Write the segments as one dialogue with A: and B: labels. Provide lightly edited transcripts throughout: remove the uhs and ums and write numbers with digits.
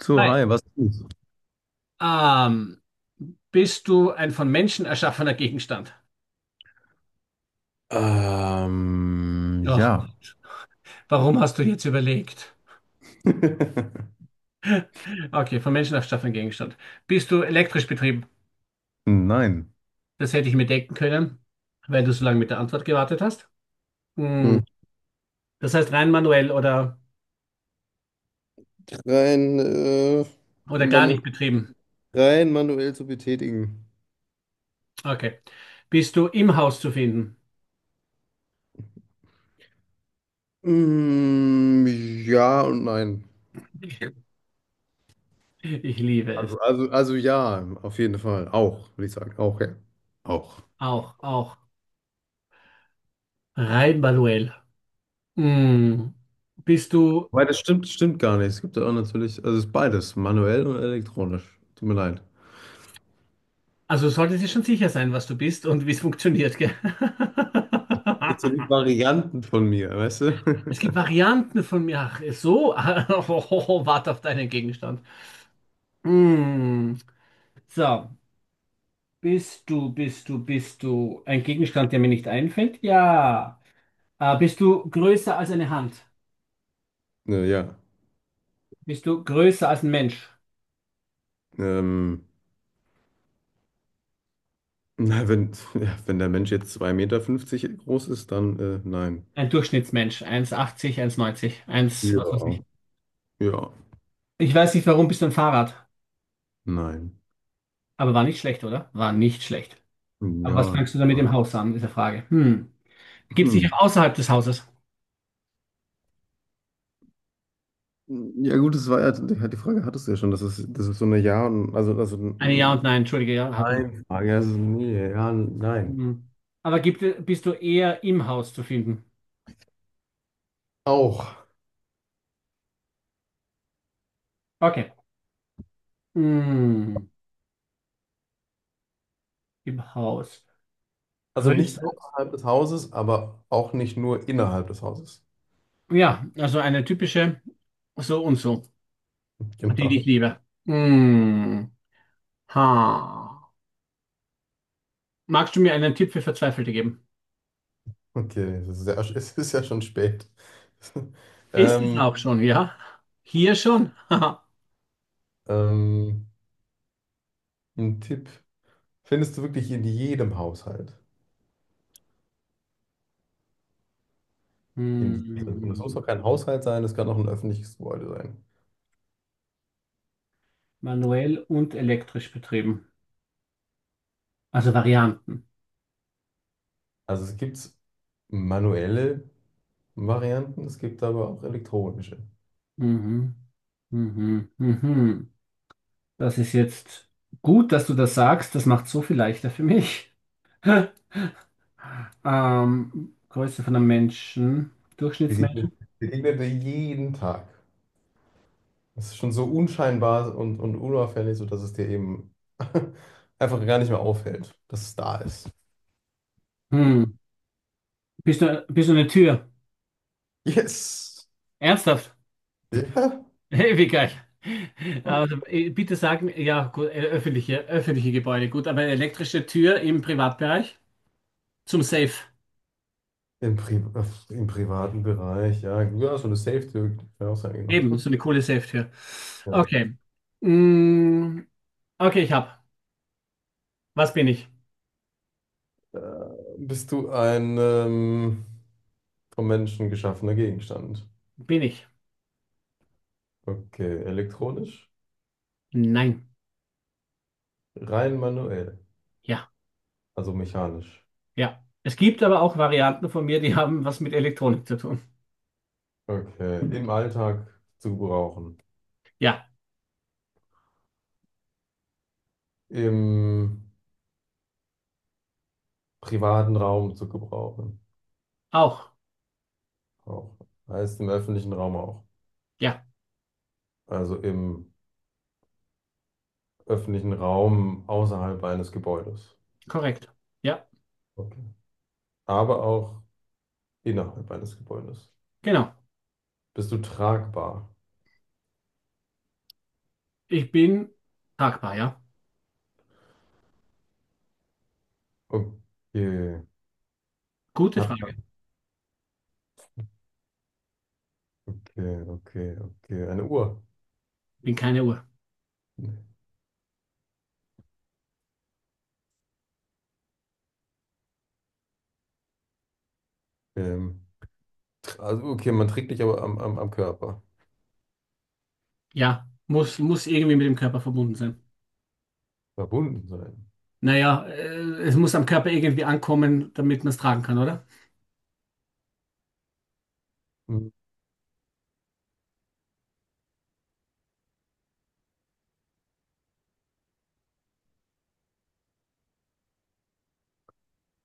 A: So,
B: Hi.
A: hi, was ist?
B: Ähm, Bist du ein von Menschen erschaffener Gegenstand? Ach
A: Ja,
B: Gott. Warum hast du jetzt überlegt? Okay, von Menschen erschaffener Gegenstand. Bist du elektrisch betrieben?
A: nein.
B: Das hätte ich mir denken können, weil du so lange mit der Antwort gewartet hast.
A: Hm.
B: Hm. Das heißt rein manuell
A: Rein, äh,
B: oder gar
A: manu
B: nicht betrieben.
A: rein manuell zu betätigen.
B: Okay. Bist du im Haus zu finden?
A: Mm, ja und nein.
B: Ich liebe es.
A: Also ja, auf jeden Fall. Auch, würde ich sagen. Auch, ja. Auch.
B: Auch, auch. Rein manuell. Hm. Bist du.
A: Weil das stimmt, stimmt gar nicht. Es gibt ja auch natürlich, also es ist beides, manuell und elektronisch. Tut mir leid.
B: Also solltest du schon sicher sein, was du bist und wie es funktioniert, gell?
A: Das sind so die Varianten von mir, weißt du?
B: Es gibt Varianten von mir. Ach, so, oh, warte auf deinen Gegenstand. Hm. So, bist du ein Gegenstand, der mir nicht einfällt? Ja. Bist du größer als eine Hand?
A: Ja, ja.
B: Bist du größer als ein Mensch?
A: Ähm, Na, wenn der Mensch jetzt 2,50 m groß ist, dann nein.
B: Ein Durchschnittsmensch. 1,80, neunzig, eins was weiß
A: Ja.
B: ich.
A: Ja,
B: Ich weiß nicht, warum bist du ein Fahrrad?
A: nein.
B: Aber war nicht schlecht, oder? War nicht schlecht.
A: Hm,
B: Aber was
A: ja.
B: fängst du da mit dem Haus an, ist die Frage. Hm. Gibt es
A: Hm.
B: dich auch außerhalb des Hauses?
A: Ja gut, das war ja, die Frage hattest du ja schon, das ist so eine Ja und, also
B: Eine Ja und Nein, entschuldige, ja, hatten wir.
A: Nein. Frage, also nee, ja, nein.
B: Hm. Aber gibt, bist du eher im Haus zu finden?
A: Auch.
B: Okay. Hm. Im Haus.
A: Also nicht
B: Größe.
A: außerhalb des Hauses, aber auch nicht nur innerhalb des Hauses.
B: Ja, also eine typische so und so, die ich
A: Genau.
B: liebe. Hm. Ha. Magst du mir einen Tipp für Verzweifelte geben?
A: Okay, das ist ja, es ist ja schon spät.
B: Ist es
A: Ähm,
B: auch schon, ja? Hier schon? Haha.
A: ähm, ein Tipp. Findest du wirklich in jedem Haushalt. In jedem. Und es muss
B: Hm.
A: auch kein Haushalt sein, es kann auch ein öffentliches Gebäude sein.
B: Manuell und elektrisch betrieben. Also Varianten.
A: Also es gibt manuelle Varianten, es gibt aber auch elektronische.
B: Mhm. Mhm. Mhm. Mhm. Das ist jetzt gut, dass du das sagst. Das macht so viel leichter für mich. Größe von einem Menschen,
A: Begegnet,
B: Durchschnittsmenschen.
A: begegnet dir jeden Tag. Es ist schon so unscheinbar und unauffällig, sodass es dir eben einfach gar nicht mehr auffällt, dass es da ist.
B: Hm. Bist du eine Tür?
A: Yes!
B: Ernsthaft?
A: Ja.
B: Hey, wie geil. Also, bitte sagen, ja, gut, öffentliche, öffentliche Gebäude, gut, aber eine elektrische Tür im Privatbereich zum Safe.
A: Im privaten Bereich, ja. Ja, so eine Safe-Tür. Ja, auch sein, genau.
B: Eben, so eine coole Safe-Tür.
A: Ja.
B: Okay. Mm, okay, ich hab. Was bin ich?
A: Äh, bist du ein vom Menschen geschaffener Gegenstand?
B: Bin ich?
A: Okay, elektronisch?
B: Nein.
A: Rein manuell,
B: Ja.
A: also mechanisch.
B: Ja. Es gibt aber auch Varianten von mir, die haben was mit Elektronik zu tun.
A: Okay, im Alltag zu gebrauchen.
B: Ja,
A: Im privaten Raum zu gebrauchen.
B: auch.
A: Auch. Heißt im öffentlichen Raum auch.
B: Ja,
A: Also im öffentlichen Raum außerhalb eines Gebäudes.
B: korrekt. Ja,
A: Okay. Aber auch innerhalb eines Gebäudes.
B: genau.
A: Bist du tragbar?
B: Ich bin tragbar, ja.
A: Okay.
B: Gute
A: Hat,
B: Frage.
A: okay, okay, okay. Eine Uhr.
B: Bin keine Uhr.
A: Ähm, also, okay, man trägt dich aber am Körper.
B: Ja, muss irgendwie mit dem Körper verbunden sein.
A: Verbunden sein.
B: Naja, es muss am Körper irgendwie ankommen, damit man es tragen kann, oder?
A: Hm,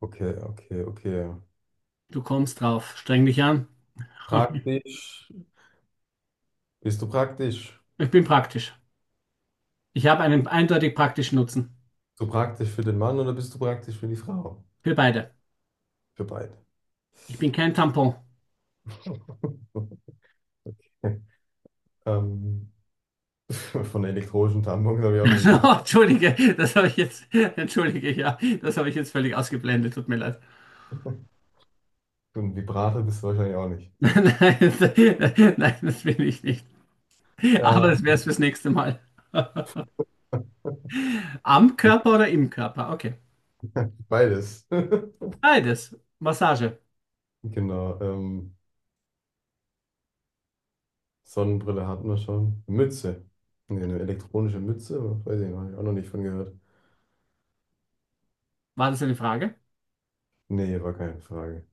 A: okay, okay, okay.
B: Du kommst drauf. Streng dich an.
A: Praktisch. Bist du praktisch?
B: Ich bin praktisch. Ich habe einen eindeutig praktischen Nutzen.
A: Bist du praktisch für den Mann oder bist du praktisch für die Frau?
B: Für beide.
A: Für beide.
B: Ich bin kein Tampon.
A: Ähm, von der elektronischen Tampons habe ich auch noch nie gehabt.
B: Oh, entschuldige, das habe ich jetzt, entschuldige, ja, das habe ich jetzt völlig ausgeblendet, tut mir leid.
A: Und Vibrator bist du wahrscheinlich auch nicht.
B: Nein, nein, das will ich nicht. Aber
A: Äh,
B: das wäre es fürs nächste Mal. Am Körper oder im Körper? Okay.
A: beides.
B: Beides. Massage.
A: Genau. Sonnenbrille hatten wir schon. Mütze. Nee, eine elektronische Mütze? Weiß ich noch, hab ich auch noch nicht von gehört.
B: War das eine Frage?
A: Nee, war keine Frage.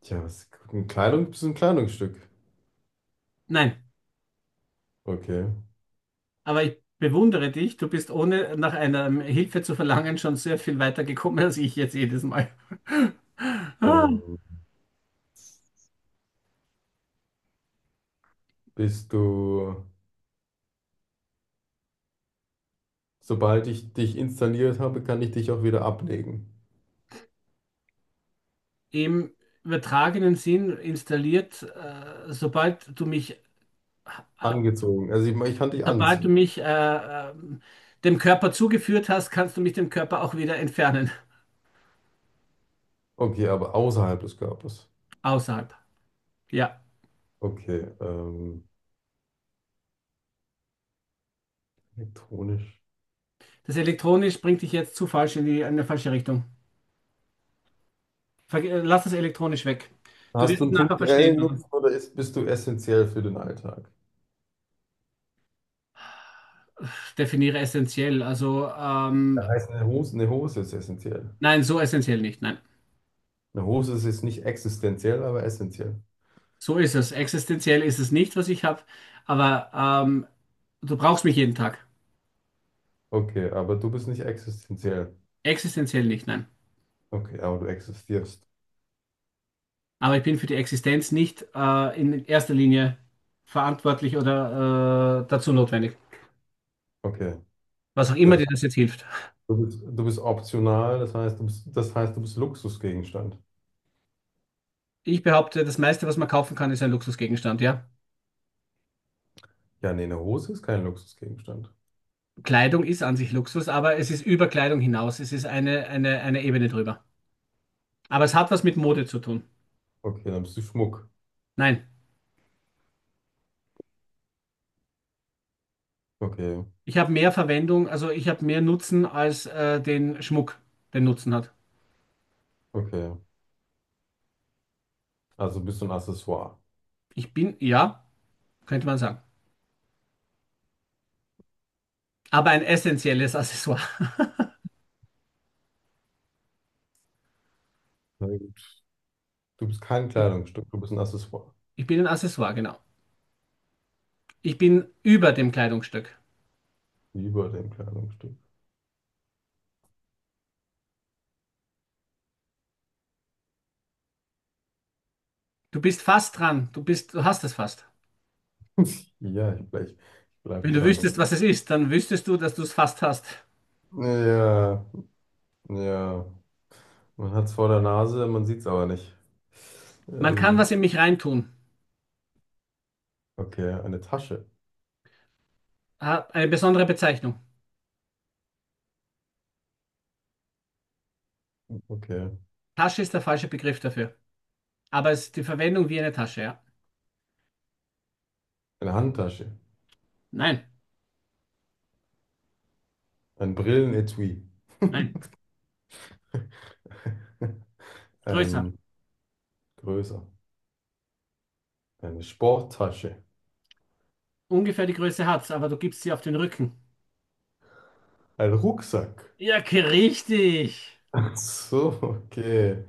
A: Tja, was, ein Kleidung, bist du ein Kleidungsstück?
B: Nein.
A: Okay.
B: Aber ich bewundere dich, du bist ohne nach einer Hilfe zu verlangen schon sehr viel weiter gekommen als ich jetzt jedes Mal. Ah.
A: Ähm, bist du, sobald ich dich installiert habe, kann ich dich auch wieder ablegen.
B: Im übertragenen Sinn installiert, äh,
A: Angezogen. Also ich kann dich
B: Sobald du
A: anziehen.
B: mich dem Körper zugeführt hast, kannst du mich dem Körper auch wieder entfernen.
A: Okay, aber außerhalb des Körpers.
B: Außerhalb. Ja.
A: Okay, elektronisch.
B: Das elektronisch bringt dich jetzt zu falsch in die, in eine falsche Richtung. Ver Lass das elektronisch weg. Du
A: Hast
B: wirst
A: du
B: es
A: einen
B: nachher
A: punktuellen
B: verstehen.
A: Nutzen oder bist du essentiell für den Alltag?
B: Definiere essentiell. Also,
A: Das heißt, eine Hose ist essentiell.
B: nein, so essentiell nicht. Nein.
A: Eine Hose ist jetzt nicht existenziell, aber essentiell.
B: So ist es. Existenziell ist es nicht, was ich habe. Aber ähm, du brauchst mich jeden Tag.
A: Okay, aber du bist nicht existenziell.
B: Existenziell nicht. Nein.
A: Okay, aber du existierst.
B: Aber ich bin für die Existenz nicht in erster Linie verantwortlich oder dazu notwendig.
A: Okay.
B: Was auch immer
A: Das
B: dir das jetzt hilft.
A: du bist optional, das heißt, du bist, das heißt, du bist Luxusgegenstand.
B: Ich behaupte, das meiste, was man kaufen kann, ist ein Luxusgegenstand, ja.
A: Ja, nee, eine Hose ist kein Luxusgegenstand.
B: Kleidung ist an sich Luxus, aber es ist über Kleidung hinaus. Es ist eine Ebene drüber. Aber es hat was mit Mode zu tun.
A: Okay, dann bist du Schmuck.
B: Nein,
A: Okay,
B: ich habe mehr Verwendung, also ich habe mehr Nutzen als den Schmuck, den Nutzen hat.
A: okay. Also bist du ein Accessoire.
B: Ich bin, ja, könnte man sagen. Aber ein essentielles Accessoire.
A: Na gut. Du bist kein Kleidungsstück, du bist ein Accessoire.
B: Ich bin ein Accessoire, genau. Ich bin über dem Kleidungsstück.
A: Über dem Kleidungsstück.
B: Du bist fast dran. Du bist, du hast es fast.
A: Ja, ich bleib
B: Wenn du
A: dran.
B: wüsstest, was es ist, dann wüsstest du, dass du es fast hast.
A: Ja, ja. Man hat es vor der Nase, man sieht es aber nicht.
B: Man kann
A: Ähm,
B: was in mich reintun.
A: okay, eine Tasche.
B: Ah, eine besondere Bezeichnung.
A: Okay.
B: Tasche ist der falsche Begriff dafür. Aber es ist die Verwendung wie eine Tasche, ja?
A: Eine Handtasche.
B: Nein,
A: Ein Brillenetui.
B: nein. Größer.
A: Ein größer. Eine Sporttasche.
B: Ungefähr die Größe hat's, aber du gibst sie auf den Rücken.
A: Ein Rucksack.
B: Ja, richtig.
A: Ach so, okay.